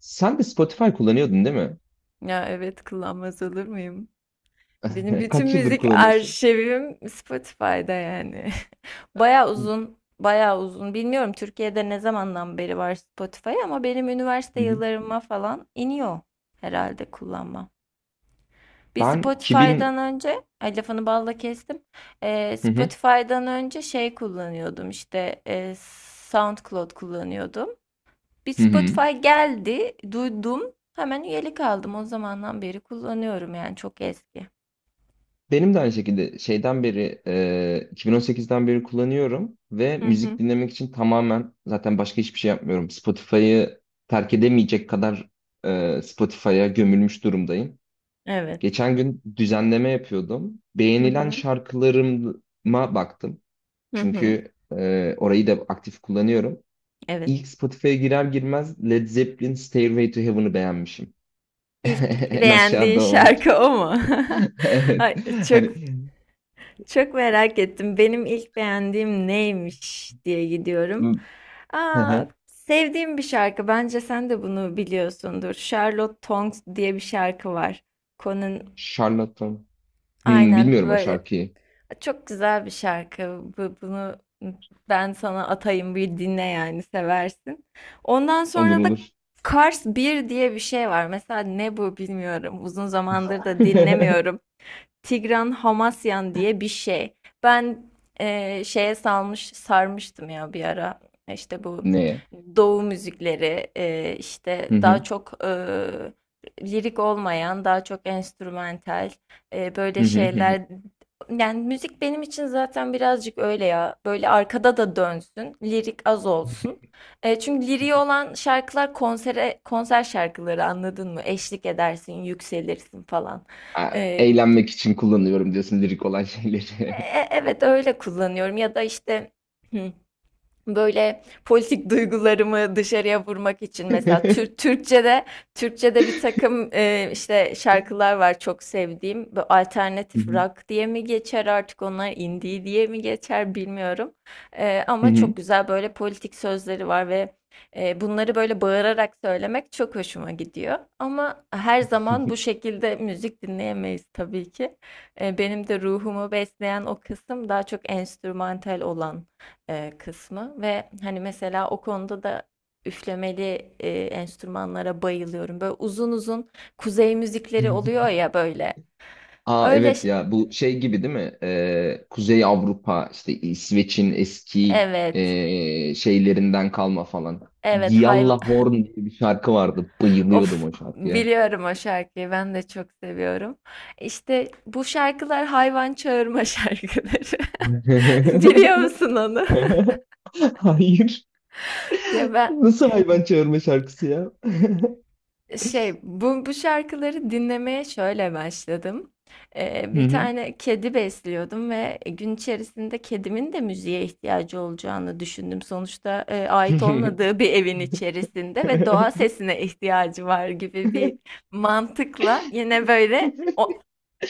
Sen de Spotify kullanıyordun, değil mi? Ya evet, kullanmaz olur muyum? Benim bütün Kaç yıldır müzik kullanıyorsun? arşivim Spotify'da yani. Baya uzun, baya uzun. Bilmiyorum Türkiye'de ne zamandan beri var Spotify, ama benim üniversite Hı hı. yıllarıma falan iniyor herhalde kullanma. Bir Ben 2000. Spotify'dan önce, ay lafını balla kestim. Hı hı, Spotify'dan önce şey kullanıyordum işte, SoundCloud kullanıyordum. Bir hı hı. Spotify geldi, duydum. Hemen üyelik aldım. O zamandan beri kullanıyorum, yani çok eski. Benim de aynı şekilde şeyden beri 2018'den beri kullanıyorum ve Hı hı. müzik dinlemek için tamamen zaten başka hiçbir şey yapmıyorum. Spotify'ı terk edemeyecek kadar Spotify'a gömülmüş durumdayım. Evet. Geçen gün düzenleme yapıyordum. Hı Beğenilen hı. şarkılarıma baktım. Hı hı. Çünkü orayı da aktif kullanıyorum. Evet. İlk Spotify'a girer girmez Led Zeppelin Stairway to Heaven'ı beğenmişim. İlk En beğendiğin aşağıda o. şarkı o mu? Evet. Ay, çok Hani. çok merak ettim. Benim ilk beğendiğim neymiş diye gidiyorum. Hı Aa, hı. sevdiğim bir şarkı. Bence sen de bunu biliyorsundur. Charlotte Tongs diye bir şarkı var. Conan, Charlatan. Hmm, aynen bilmiyorum o böyle. şarkıyı. Çok güzel bir şarkı. Bunu ben sana atayım, bir dinle, yani seversin. Ondan Olur sonra da olur. Kars bir diye bir şey var. Mesela ne bu, bilmiyorum. Uzun zamandır da dinlemiyorum. Tigran Hamasyan diye bir şey. Ben şeye salmış sarmıştım ya bir ara. İşte bu Neye? Doğu müzikleri, işte Hı daha hı. çok, lirik olmayan, daha çok enstrümantal, Hı böyle hı hı hı. şeyler. Yani müzik benim için zaten birazcık öyle ya. Böyle arkada da dönsün, lirik az olsun. Çünkü liriği olan şarkılar konser şarkıları, anladın mı? Eşlik edersin, yükselirsin falan. Aa, E, eğlenmek için kullanıyorum diyorsun lirik olan şeyleri. e- Evet, öyle kullanıyorum ya da işte, hı, böyle politik duygularımı dışarıya vurmak için mesela Türkçe'de bir takım, işte şarkılar var çok sevdiğim. Bu Hı alternatif hı. rock diye mi geçer artık, onlar indie diye mi geçer, bilmiyorum. Ama Hı çok güzel böyle politik sözleri var, ve bunları böyle bağırarak söylemek çok hoşuma gidiyor. Ama her zaman bu şekilde müzik dinleyemeyiz tabii ki. Benim de ruhumu besleyen o kısım daha çok enstrümantal olan kısmı, ve hani mesela o konuda da üflemeli enstrümanlara bayılıyorum. Böyle uzun uzun kuzey hı. müzikleri oluyor ya böyle. Aa, Öyle evet ş- ya, bu şey gibi değil mi? Kuzey Avrupa, işte İsveç'in eski evet. Şeylerinden kalma falan. Evet. Gialla Horn diye bir şarkı vardı. Bayılıyordum Of, o şarkıya. biliyorum o şarkıyı. Ben de çok seviyorum. İşte bu şarkılar hayvan çağırma şarkıları. Biliyor musun onu? Hayır. Ya ben Nasıl hayvan çağırma şarkısı ya? Bu şarkıları dinlemeye şöyle başladım. Hı Bir hı. tane kedi besliyordum, ve gün içerisinde kedimin de müziğe ihtiyacı olacağını düşündüm. Sonuçta, ait olmadığı bir evin içerisinde ve doğa sesine ihtiyacı var gibi bir mantıkla, yine böyle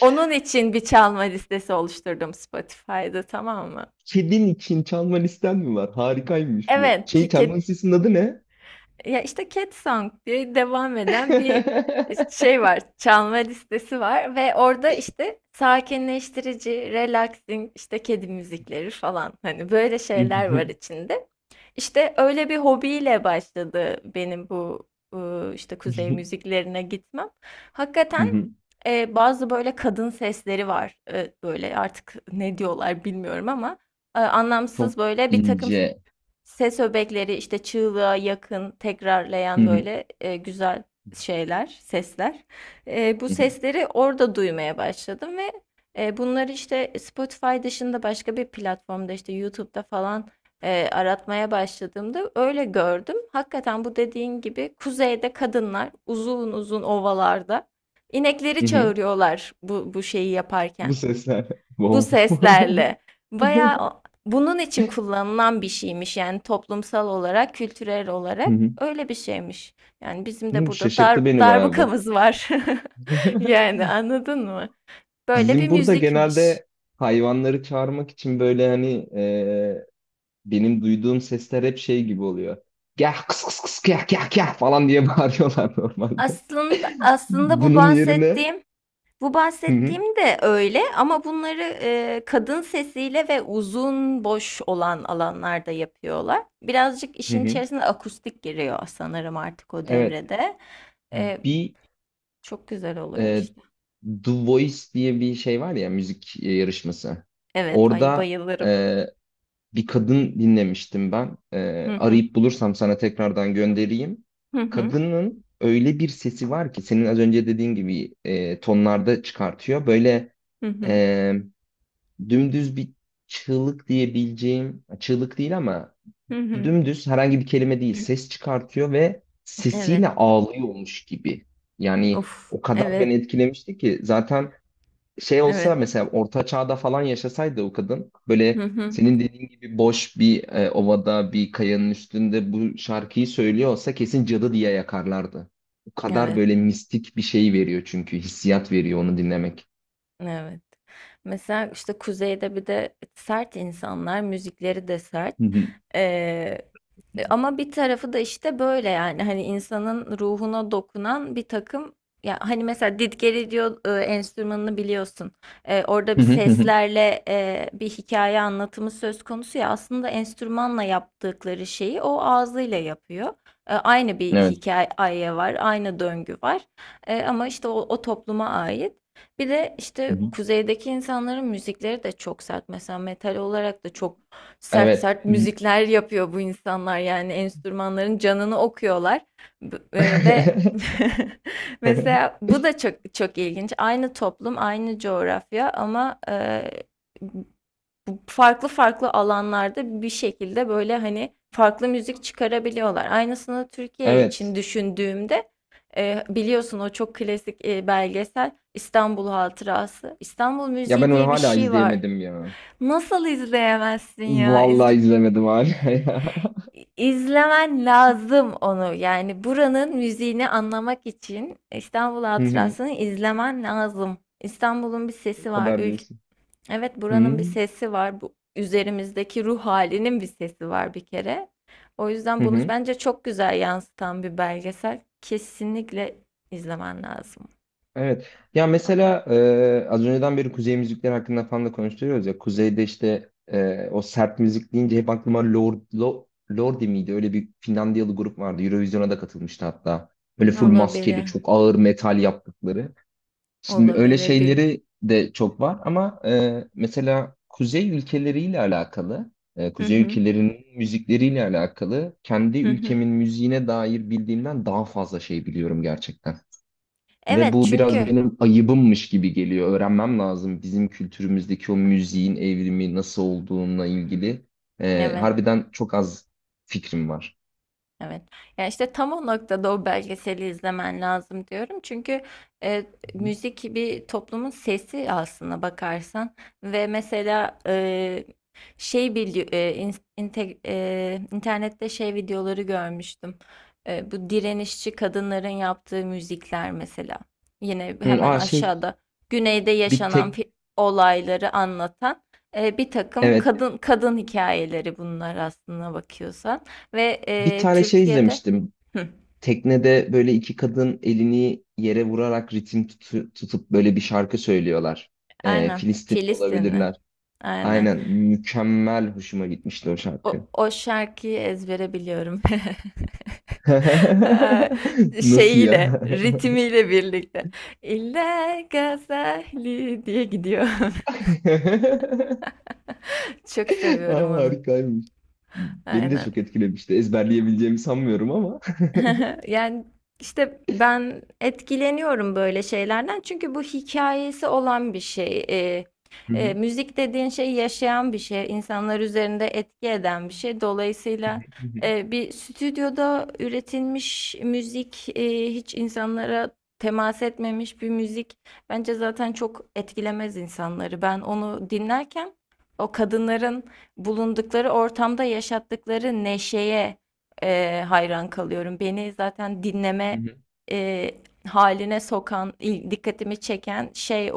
onun için bir çalma listesi oluşturdum Spotify'da, tamam mı? Kedin için çalma listen mi var? Harikaymış bu. Evet, Şey, ki, çalma listesinin adı ne? Ya işte Cat Song diye devam eden bir, şey var, çalma listesi var, ve orada işte sakinleştirici, relaxing, işte kedi müzikleri falan, hani böyle şeyler var içinde. İşte öyle bir hobiyle başladı benim bu işte kuzey müziklerine gitmem. Hakikaten, bazı böyle kadın sesleri var. Böyle artık ne diyorlar bilmiyorum, ama anlamsız Çok böyle bir takım ince. ses öbekleri işte, çığlığa yakın Hı tekrarlayan hı. böyle güzel şeyler, sesler. Bu Hı hı. sesleri orada duymaya başladım, ve bunları işte Spotify dışında başka bir platformda, işte YouTube'da falan aratmaya başladığımda öyle gördüm. Hakikaten, bu dediğin gibi kuzeyde kadınlar uzun uzun ovalarda inekleri Hı hı. çağırıyorlar bu şeyi yaparken. Bu sesler. Bu Wow. seslerle. Bayağı bunun için kullanılan bir şeymiş, yani toplumsal olarak, kültürel Hı olarak hı. öyle bir şeymiş. Yani bizim de Hı, burada Şaşırttı beni bayağı bu. darbukamız var. Yani, anladın mı? Böyle bir Bizim burada müzikmiş. genelde hayvanları çağırmak için böyle, hani benim duyduğum sesler hep şey gibi oluyor. Gel kıs kıs kıs gel gel gel falan diye bağırıyorlar normalde. Aslında bu Bunun yerine. bahsettiğim bu Hı hı, bahsettiğim de öyle, ama bunları kadın sesiyle ve uzun boş olan alanlarda yapıyorlar. Birazcık hı işin hı. içerisine akustik giriyor sanırım artık o Evet, devrede. E, bir, Çok güzel oluyor e, işte. The Voice diye bir şey var ya, müzik yarışması. Evet, ay Orada bayılırım. e, bir kadın dinlemiştim ben. Ee, Hı hı. arayıp bulursam sana tekrardan göndereyim. Hı hı. Kadının öyle bir sesi var ki senin az önce dediğin gibi tonlarda çıkartıyor. Böyle Hı hı. e, dümdüz bir çığlık diyebileceğim, çığlık değil ama Hı hı. dümdüz herhangi bir kelime değil ses çıkartıyor ve sesiyle Evet. ağlıyormuş gibi. Yani Of. o kadar beni Evet. etkilemişti ki zaten şey olsa, Evet. mesela orta çağda falan yaşasaydı o kadın, Hı böyle hı. senin dediğin gibi boş bir ovada bir kayanın üstünde bu şarkıyı söylüyor olsa, kesin cadı diye yakarlardı. O kadar Evet. böyle mistik bir şey veriyor, çünkü hissiyat veriyor onu dinlemek. Evet. Mesela işte kuzeyde bir de sert insanlar, müzikleri de sert. Hı hı. Ee, Ama bir tarafı da işte böyle, yani hani insanın ruhuna dokunan bir takım, ya hani mesela didgeri diyor enstrümanını biliyorsun. Orada Hı bir hı hı hı. seslerle, bir hikaye anlatımı söz konusu ya, aslında enstrümanla yaptıkları şeyi o ağzıyla yapıyor. Aynı bir Evet. hikaye var, aynı döngü var. Ama işte o topluma ait. Bir de Hı işte hı. kuzeydeki insanların müzikleri de çok sert. Mesela metal olarak da çok sert Evet. sert müzikler yapıyor bu insanlar, yani enstrümanların canını okuyorlar. Ve mesela bu da çok çok ilginç, aynı toplum, aynı coğrafya, ama bu farklı farklı alanlarda bir şekilde böyle hani farklı müzik çıkarabiliyorlar. Aynısını Türkiye için Evet. düşündüğümde, biliyorsun o çok klasik belgesel İstanbul Hatırası, İstanbul Ya ben müziği onu diye bir hala şey var. izleyemedim ya. Nasıl izleyemezsin ya? Vallahi izlemedim hala ya. İzlemen lazım onu. Yani buranın müziğini anlamak için İstanbul Hı hı. Hatırası'nı izlemen lazım. İstanbul'un bir O sesi var. kadar Ülk. diyorsun. Evet, Hı buranın bir hı. sesi var. Bu üzerimizdeki ruh halinin bir sesi var bir kere. O yüzden Hı bunu hı. bence çok güzel yansıtan bir belgesel. Kesinlikle izlemen lazım. Evet. Ya mesela az önceden beri kuzey müzikleri hakkında falan da konuşuyoruz ya. Kuzeyde işte o sert müzik deyince hep aklıma Lordi miydi? Öyle bir Finlandiyalı grup vardı. Eurovision'a da katılmıştı hatta. Böyle full maskeli, Olabilir. çok ağır metal yaptıkları. Şimdi öyle Olabilir. Bilmiyorum. şeyleri de çok var ama mesela kuzey ülkeleriyle alakalı, Hı kuzey hı. ülkelerinin müzikleriyle alakalı kendi Hı hı. ülkemin müziğine dair bildiğimden daha fazla şey biliyorum gerçekten. Ve Evet, bu biraz çünkü. benim ayıbımmış gibi geliyor. Öğrenmem lazım bizim kültürümüzdeki o müziğin evrimi nasıl olduğuna Hı hı. ilgili. Ee, Evet. harbiden çok az fikrim var. Evet. Ya işte tam o noktada o belgeseli izlemen lazım diyorum. Çünkü e, Hı. müzik bir toplumun sesi aslında bakarsan, ve mesela e, şey bili e, in- inte- e, internette şey videoları görmüştüm. Bu direnişçi kadınların yaptığı müzikler mesela. Yine hemen Aa, şey, aşağıda, güneyde bir yaşanan tek, olayları anlatan bir takım evet, kadın kadın hikayeleri, bunlar aslında bakıyorsan. Ve bir tane şey Türkiye'de. izlemiştim. Hı, Teknede böyle iki kadın elini yere vurarak ritim tutup böyle bir şarkı söylüyorlar. Aynen, Filistin Filistinli. olabilirler. Aynen. Aynen, mükemmel, hoşuma gitmişti o O, şarkı. o şarkıyı ezbere biliyorum. Ha, Nasıl şeyiyle, ya? ritmiyle birlikte. İlla Gazali diye gidiyor. Çok seviyorum Aa, onu. harikaymış. Beni de Aynen. çok etkilemişti. Ezberleyebileceğimi sanmıyorum ama. Yani işte ben etkileniyorum böyle şeylerden, çünkü bu hikayesi olan bir şey. Hı hı, Müzik dediğin şey yaşayan bir şey, insanlar üzerinde etki eden bir şey. Dolayısıyla, hı hı, bir stüdyoda üretilmiş müzik, hiç insanlara temas etmemiş bir müzik bence zaten çok etkilemez insanları. Ben onu dinlerken, o kadınların bulundukları ortamda yaşattıkları neşeye hayran kalıyorum. Beni zaten hı dinleme hı, e, haline sokan, dikkatimi çeken şey o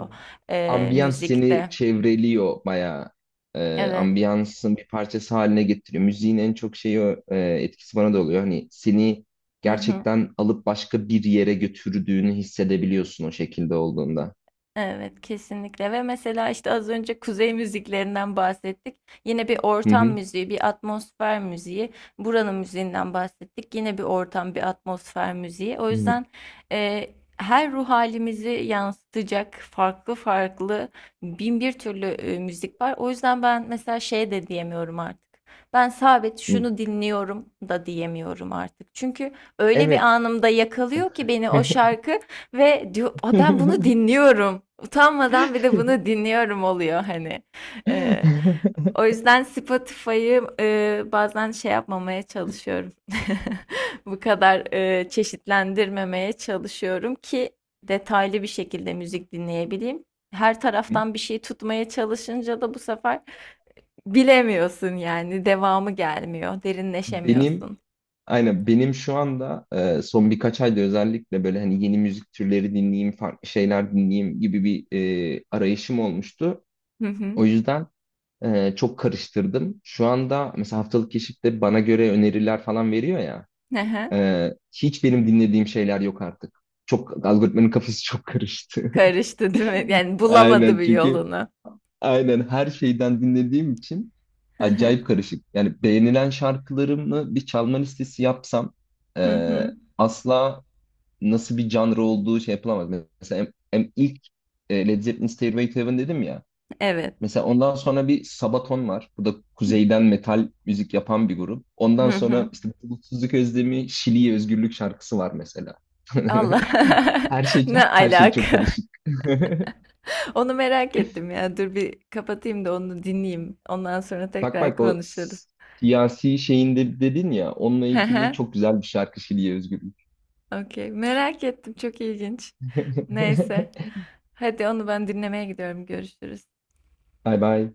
hı hı. Ambiyans seni müzikte. çevreliyor bayağı. Ee, Evet. ambiyansın bir parçası haline getiriyor. Müziğin en çok şeyi o, etkisi bana da oluyor. Hani seni Hı hı. gerçekten alıp başka bir yere götürdüğünü hissedebiliyorsun o şekilde olduğunda. Evet, kesinlikle, ve mesela işte az önce kuzey müziklerinden bahsettik. Yine bir Hı ortam hı, müziği, bir atmosfer müziği. Buranın müziğinden bahsettik. Yine bir ortam, bir atmosfer müziği. O hı yüzden e, her ruh halimizi yansıtacak farklı farklı bin bir türlü müzik var. O yüzden ben mesela şey de diyemiyorum artık. Ben sabit hı. şunu dinliyorum da diyemiyorum artık. Çünkü öyle bir Evet. anımda yakalıyor ki beni o şarkı. Ve diyor, "Aa, ben bunu dinliyorum. Utanmadan bir de bunu dinliyorum" oluyor hani. Ee, O yüzden Spotify'ı bazen şey yapmamaya çalışıyorum. Bu kadar çeşitlendirmemeye çalışıyorum ki, detaylı bir şekilde müzik dinleyebileyim. Her taraftan bir şey tutmaya çalışınca da bu sefer bilemiyorsun, yani devamı gelmiyor, Benim. derinleşemiyorsun. Aynen, benim şu anda son birkaç ayda özellikle böyle, hani yeni müzik türleri dinleyeyim, farklı şeyler dinleyeyim gibi bir arayışım olmuştu. Hı hı. O yüzden çok karıştırdım. Şu anda mesela haftalık keşifte bana göre öneriler falan veriyor ya. Hı hı. Hiç benim dinlediğim şeyler yok artık. Çok algoritmanın kafası çok karıştı. Karıştı değil mi? Yani bulamadı Aynen, bir çünkü yolunu. aynen her şeyden dinlediğim için Hı hı. acayip karışık. Yani beğenilen şarkılarımı bir çalma listesi yapsam Hı e, hı. asla nasıl bir genre olduğu şey yapılamaz. Mesela ilk Led Zeppelin Stairway to Heaven dedim ya. Evet. Mesela ondan sonra bir Sabaton var. Bu da kuzeyden metal müzik yapan bir grup. Ondan Hı sonra hı. işte Bulutsuzluk Özlemi, Şili'ye Özgürlük şarkısı var mesela. Allah. Her şey Ne her şey çok alaka? karışık. Onu merak ettim ya. Dur bir kapatayım da onu dinleyeyim. Ondan sonra Bak tekrar bak, konuşuruz. Siyasi şeyinde dedin ya, onunla Hı ilgili hı. çok güzel bir şarkı Şili'ye özgürlük. Okey. Merak ettim. Çok ilginç. Neyse. Hadi onu ben dinlemeye gidiyorum. Görüşürüz. Bay bay.